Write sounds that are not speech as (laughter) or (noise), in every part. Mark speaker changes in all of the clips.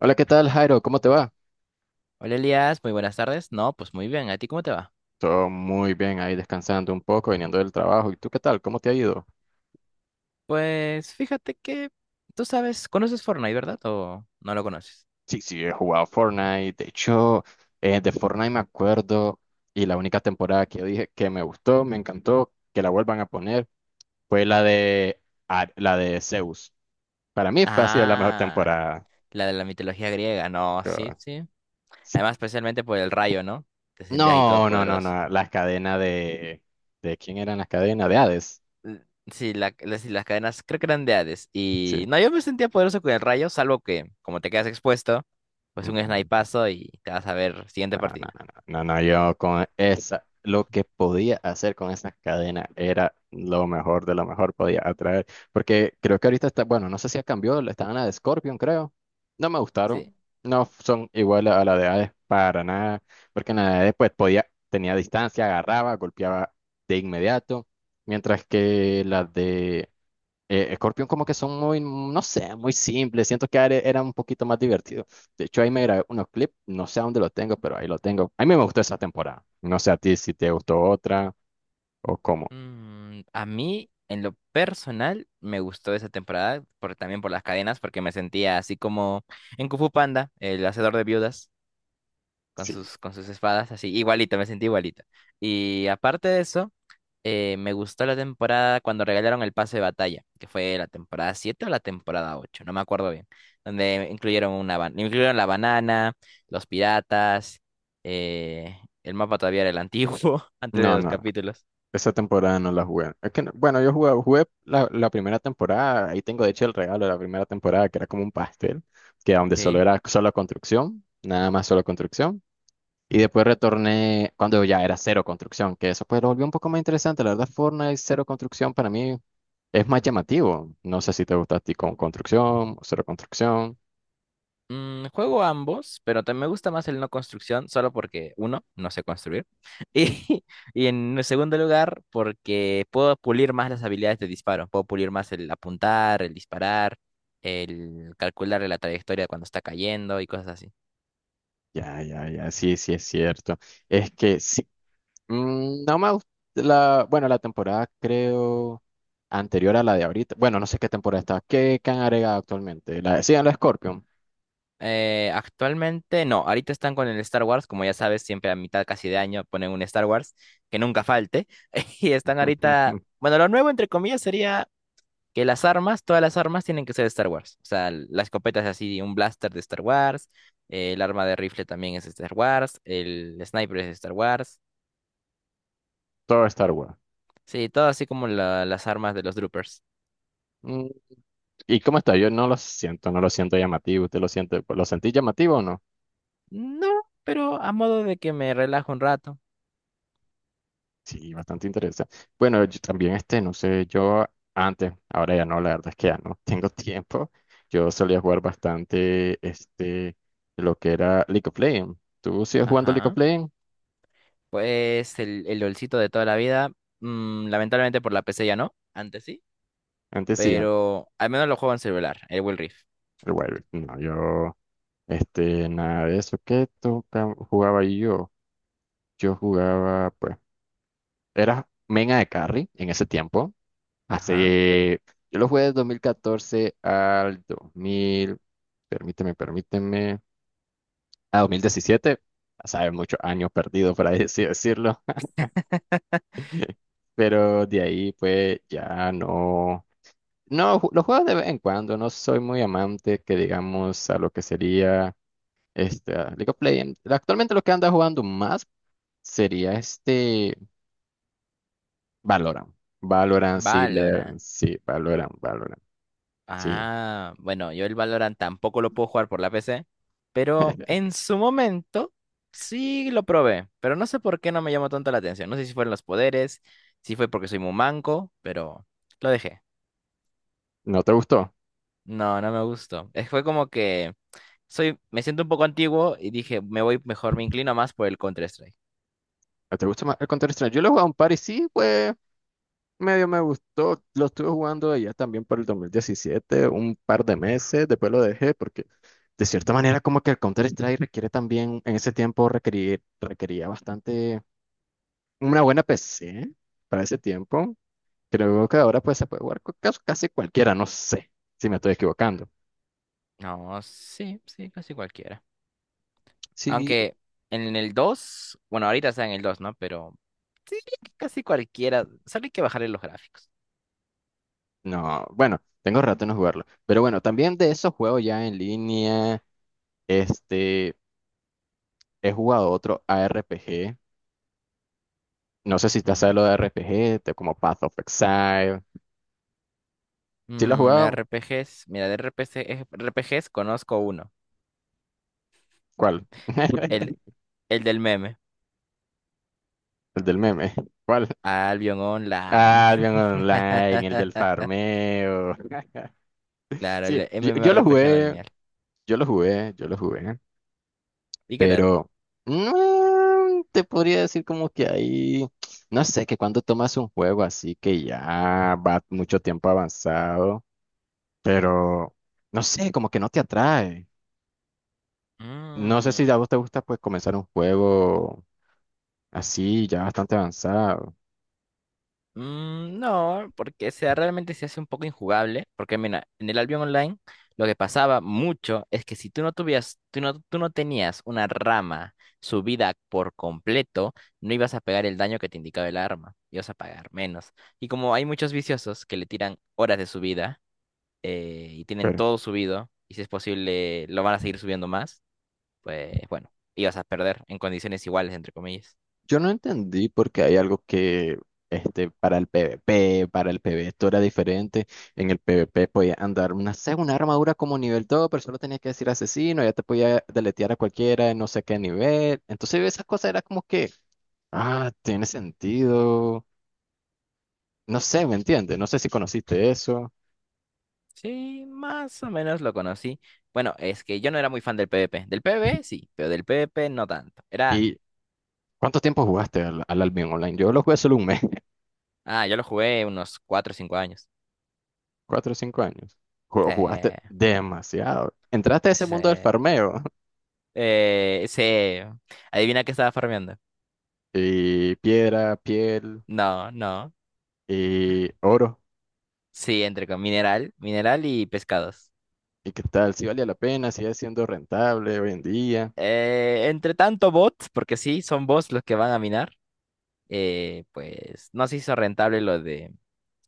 Speaker 1: Hola, ¿qué tal, Jairo? ¿Cómo te va?
Speaker 2: Hola Elías, muy buenas tardes. No, pues muy bien. ¿A ti cómo te va?
Speaker 1: Todo muy bien ahí descansando un poco, viniendo del trabajo. ¿Y tú qué tal? ¿Cómo te ha ido?
Speaker 2: Pues fíjate que tú sabes, conoces Fortnite, ¿verdad? ¿O no lo conoces?
Speaker 1: Sí, sí, he jugado Fortnite. De hecho, de Fortnite me acuerdo y la única temporada que yo dije que me gustó, me encantó, que la vuelvan a poner, fue la de, la de Zeus. Para mí fue, ha sido la mejor
Speaker 2: Ah,
Speaker 1: temporada.
Speaker 2: la de la mitología griega. No, sí,
Speaker 1: Yo-
Speaker 2: sí.
Speaker 1: sí.
Speaker 2: Además, especialmente por el rayo, ¿no? Te sentías ahí
Speaker 1: No, no, no,
Speaker 2: todopoderoso.
Speaker 1: no. Las cadenas de... ¿De quién eran las cadenas? De Hades.
Speaker 2: L- Sí, las cadenas creo que eran de Hades.
Speaker 1: Sí.
Speaker 2: Y no, yo me sentía poderoso con el rayo, salvo que como te quedas expuesto, pues un snipazo y te vas a ver siguiente
Speaker 1: No, no,
Speaker 2: partida.
Speaker 1: no, no, no, no, yo con esa, lo que podía hacer con esa cadena era lo mejor de lo mejor, podía atraer, porque creo que ahorita está, bueno, no sé si ha cambiado, estaban la de Scorpion, creo, no me gustaron, no son iguales a la de Hades para nada, porque en la de Hades pues podía, tenía distancia, agarraba, golpeaba de inmediato, mientras que las de Scorpion como que son muy, no sé, muy simples. Siento que Ares era un poquito más divertido. De hecho, ahí me grabé unos clips, no sé a dónde lo tengo, pero ahí lo tengo. A mí me gustó esa temporada. No sé a ti si te gustó otra o cómo.
Speaker 2: Mm, a mí, en lo personal, me gustó esa temporada, también por las cadenas, porque me sentía así como en Kung Fu Panda, el hacedor de viudas,
Speaker 1: Sí.
Speaker 2: con sus espadas, así, igualito, me sentí igualito. Y aparte de eso, me gustó la temporada cuando regalaron el pase de batalla, que fue la temporada 7 o la temporada 8, no me acuerdo bien, donde incluyeron incluyeron la banana, los piratas, el mapa todavía era el antiguo, (laughs) antes de
Speaker 1: No,
Speaker 2: los
Speaker 1: no,
Speaker 2: capítulos.
Speaker 1: esa temporada no la jugué. Es que, bueno, yo jugué, jugué la primera temporada, ahí tengo de hecho el regalo de la primera temporada, que era como un pastel, que donde solo
Speaker 2: Sí.
Speaker 1: era solo construcción, nada más solo construcción. Y después retorné cuando ya era cero construcción, que eso pues lo volvió un poco más interesante. La verdad, Fortnite cero construcción para mí es más llamativo. No sé si te gusta a ti con construcción, cero construcción.
Speaker 2: Mm, juego ambos, pero también me gusta más el no construcción, solo porque, uno, no sé construir. (laughs) Y, y en segundo lugar, porque puedo pulir más las habilidades de disparo. Puedo pulir más el apuntar, el disparar, el calcular la trayectoria cuando está cayendo y cosas así.
Speaker 1: Ya, ya, ya, sí, sí es cierto. Es que sí, no me gusta bueno, la temporada creo anterior a la de ahorita. Bueno, no sé qué temporada está. ¿Qué han agregado actualmente? La, sí, la Scorpion.
Speaker 2: Actualmente, no, ahorita están con el Star Wars, como ya sabes, siempre a mitad casi de año ponen un Star Wars, que nunca falte. (laughs) Y están ahorita,
Speaker 1: (laughs)
Speaker 2: bueno, lo nuevo entre comillas sería. Que las armas, todas las armas tienen que ser de Star Wars. O sea, la escopeta es así, un blaster de Star Wars, el arma de rifle también es de Star Wars, el sniper es de Star Wars.
Speaker 1: Todo Star Wars.
Speaker 2: Sí, todo así como las armas de los droopers.
Speaker 1: Mm, ¿Y cómo está? Yo no lo siento, no lo siento llamativo. ¿Usted lo siente? ¿Lo sentí llamativo o no?
Speaker 2: No, pero a modo de que me relajo un rato.
Speaker 1: Sí, bastante interesante. Bueno, yo también este, no sé, yo antes, ahora ya no, la verdad es que ya no (laughs) tengo tiempo. Yo solía jugar bastante este, lo que era League of Legends. ¿Tú sigues jugando League of
Speaker 2: Ajá.
Speaker 1: Legends?
Speaker 2: Pues el LOLcito de toda la vida, lamentablemente por la PC ya no, antes sí,
Speaker 1: Antes sí, antes.
Speaker 2: pero al menos lo juego en celular, el Will Rift.
Speaker 1: El Wild no, yo este, nada de eso. ¿Qué jugaba yo? Yo jugaba, pues, era Mena de Carry en ese tiempo.
Speaker 2: Ajá.
Speaker 1: Hace, yo lo jugué de 2014 al 2000, permíteme, permíteme, a 2017, a saber, muchos años perdidos, por ahí así decirlo, (laughs) pero de ahí pues ya no, no, los juego de vez en cuando, no soy muy amante que digamos a lo que sería este a League of Legends. Actualmente lo que anda jugando más sería este Valorant. Valorant, sí, le,
Speaker 2: Valorant.
Speaker 1: sí, Valorant, Valorant, sí.
Speaker 2: Ah, bueno, yo el Valorant tampoco lo puedo jugar por la PC, pero
Speaker 1: (laughs)
Speaker 2: en su momento sí lo probé, pero no sé por qué no me llamó tanto la atención. No sé si fueron los poderes, si fue porque soy muy manco, pero lo dejé.
Speaker 1: ¿No te gustó?
Speaker 2: No, no me gustó. Fue como que me siento un poco antiguo y dije, me voy mejor, me inclino más por el Counter-Strike.
Speaker 1: ¿No te gusta más el Counter-Strike? Yo lo he jugado un par y sí, pues medio me gustó. Lo estuve jugando allá también por el 2017, un par de meses, después lo dejé porque de cierta manera como que el Counter-Strike requiere también, en ese tiempo requerir, requería bastante una buena PC para ese tiempo. Creo que ahora pues se puede jugar con casi cualquiera, no sé si me estoy equivocando.
Speaker 2: No, sí, sí, casi cualquiera.
Speaker 1: Sí,
Speaker 2: Aunque en el 2, bueno, ahorita está en el 2, ¿no? Pero sí, casi cualquiera. Solo hay que bajarle los gráficos.
Speaker 1: no, bueno, tengo rato en no jugarlo. Pero bueno, también de esos juegos ya en línea, este, he jugado otro ARPG. No sé si te hace
Speaker 2: Ujú.
Speaker 1: lo de RPG, como Path of Exile. ¿Sí lo has
Speaker 2: Mm,
Speaker 1: jugado?
Speaker 2: RPGs, mira, de RPG, RPGs conozco uno,
Speaker 1: ¿Cuál?
Speaker 2: el,
Speaker 1: (laughs)
Speaker 2: el del meme,
Speaker 1: El del meme. ¿Cuál?
Speaker 2: Albion Online.
Speaker 1: Ah, el
Speaker 2: (laughs)
Speaker 1: Online, el del farmeo. (laughs)
Speaker 2: Claro,
Speaker 1: Sí,
Speaker 2: el
Speaker 1: yo lo
Speaker 2: MMORPG no
Speaker 1: jugué,
Speaker 2: lineal.
Speaker 1: yo lo jugué, yo lo jugué,
Speaker 2: ¿Y qué tal?
Speaker 1: pero te podría decir como que ahí, no sé, que cuando tomas un juego así que ya va mucho tiempo avanzado, pero no sé, como que no te atrae. No sé si a vos te gusta pues comenzar un juego. Así, ya bastante avanzado.
Speaker 2: Mm, no, porque sea, realmente se hace un poco injugable, porque mira, en el Albion Online lo que pasaba mucho es que si tú no tuvías, tú no tenías una rama subida por completo, no ibas a pegar el daño que te indicaba el arma, ibas a pagar menos. Y como hay muchos viciosos que le tiran horas de subida y tienen
Speaker 1: Pero
Speaker 2: todo subido, y si es posible lo van a seguir subiendo más, pues bueno, ibas a perder en condiciones iguales, entre comillas.
Speaker 1: yo no entendí porque hay algo que este, para el PvP, para el PvE, esto era diferente. En el PvP podía andar una, sé, una armadura como nivel 2, pero solo tenías que decir asesino, ya te podía deletear a cualquiera de no sé qué nivel. Entonces esas cosas era como que, ah, tiene sentido. No sé, ¿me entiendes? No sé si conociste eso.
Speaker 2: Sí, más o menos lo conocí. Bueno, es que yo no era muy fan del PvP. Del PvP sí, pero del PvP no tanto.
Speaker 1: ¿Y cuánto tiempo jugaste al Albion Online? Yo lo jugué solo un mes.
Speaker 2: Ah, yo lo jugué unos 4 o 5 años.
Speaker 1: 4 o 5 años. Jugaste
Speaker 2: Se,
Speaker 1: demasiado. Entraste a ese mundo del
Speaker 2: se,
Speaker 1: farmeo. (laughs)
Speaker 2: eh, se, Adivina qué estaba farmeando.
Speaker 1: Y piedra, piel
Speaker 2: No, no.
Speaker 1: y oro.
Speaker 2: Sí, entre con mineral, mineral y pescados.
Speaker 1: ¿Y qué tal? Si valía la pena, sigue siendo rentable hoy en día,
Speaker 2: Entre tanto bots, porque sí, son bots los que van a minar, pues no se hizo rentable lo de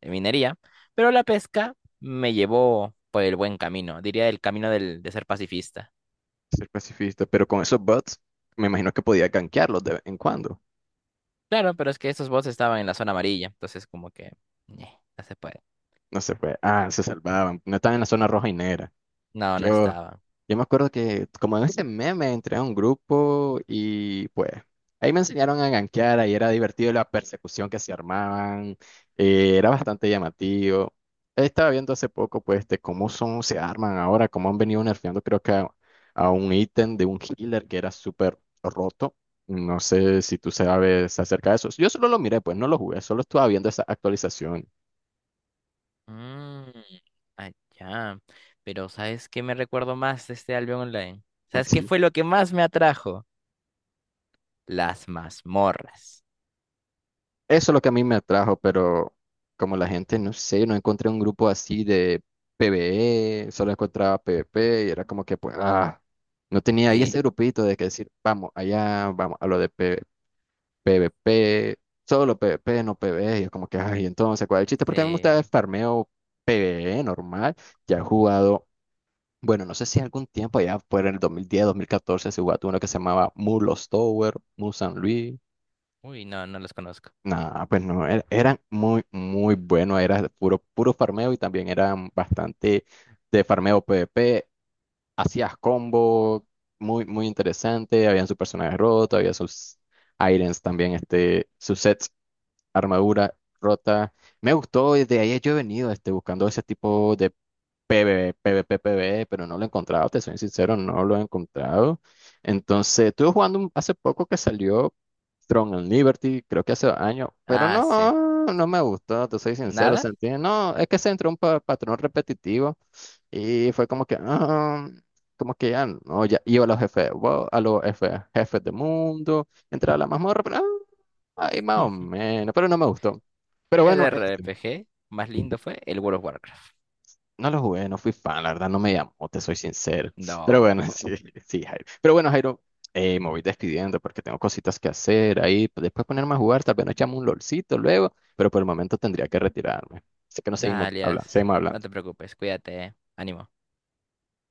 Speaker 2: en minería, pero la pesca me llevó por el buen camino, diría el camino de ser pacifista.
Speaker 1: ser pacifista. Pero con esos bots, me imagino que podía gankearlos de vez en cuando.
Speaker 2: Claro, pero es que esos bots estaban en la zona amarilla, entonces como que ñe, no se puede.
Speaker 1: No se fue. Ah, se salvaban. No estaban en la zona roja y negra.
Speaker 2: No, no
Speaker 1: Yo,
Speaker 2: estaban.
Speaker 1: Yo me acuerdo que como en ese meme entré a un grupo y pues ahí me enseñaron a gankear, ahí era divertido la persecución que se armaban, era bastante llamativo. Estaba viendo hace poco pues de cómo son, se arman ahora, cómo han venido nerfeando creo que a un ítem de un healer que era súper roto. No sé si tú sabes acerca de eso. Yo solo lo miré, pues no lo jugué, solo estaba viendo esa actualización.
Speaker 2: Mm, allá. Pero ¿sabes qué me recuerdo más de este Albion Online? ¿Sabes qué
Speaker 1: Sí.
Speaker 2: fue lo que más me atrajo? Las mazmorras.
Speaker 1: Eso es lo que a mí me atrajo, pero como la gente, no sé, no encontré un grupo así de PvE, solo encontraba PvP y era como que, pues, ah, no tenía ahí
Speaker 2: Sí,
Speaker 1: ese grupito de que decir, vamos, allá, vamos a lo de PvP, solo PvP, no PvE, y es como que, ay, entonces, ¿cuál es el chiste? Porque a mí me gusta
Speaker 2: sí.
Speaker 1: el farmeo PvE normal, ya he jugado, bueno, no sé si algún tiempo, allá por el 2010, 2014, se jugó uno que se llamaba Mulos Tower, Mu San Luis.
Speaker 2: Uy, no, no los conozco.
Speaker 1: Nah, pues no, eran muy, muy buenos, era puro, puro farmeo y también eran bastante de farmeo PvP, hacías combo muy, muy interesante, habían sus personajes rotos, había sus items también, este, sus sets, armadura rota. Me gustó, desde ahí yo he venido este, buscando ese tipo de PvP, PvE, pero no lo he encontrado, te soy sincero, no lo he encontrado. Entonces, estuve jugando hace poco que salió Throne and Liberty, creo que hace 2 años, pero
Speaker 2: Ah, sí.
Speaker 1: no, no me gustó, te soy sincero,
Speaker 2: ¿Nada?
Speaker 1: sentí, no, es que se entró un patrón repetitivo y fue como que, ah, como que ya, no, ya iba a los jefes, wow, a los jefes, jefes de mundo, entraba a la mazmorra, pero, ah, ahí más o
Speaker 2: (laughs)
Speaker 1: menos, pero no me gustó. Pero
Speaker 2: El
Speaker 1: bueno,
Speaker 2: R
Speaker 1: este.
Speaker 2: P G más lindo fue el World of Warcraft.
Speaker 1: No lo jugué, no fui fan, la verdad no me llamó, te soy sincero. Pero
Speaker 2: No.
Speaker 1: bueno, (laughs) sí, sí, Jairo. Pero bueno, Jairo, me voy despidiendo porque tengo cositas que hacer ahí, pues, después ponerme a jugar, tal vez nos echamos un lolcito luego, pero por el momento tendría que retirarme. Así que nos
Speaker 2: Nada,
Speaker 1: seguimos hablando,
Speaker 2: Elias,
Speaker 1: seguimos
Speaker 2: no
Speaker 1: hablando.
Speaker 2: te preocupes, cuídate, eh. Ánimo.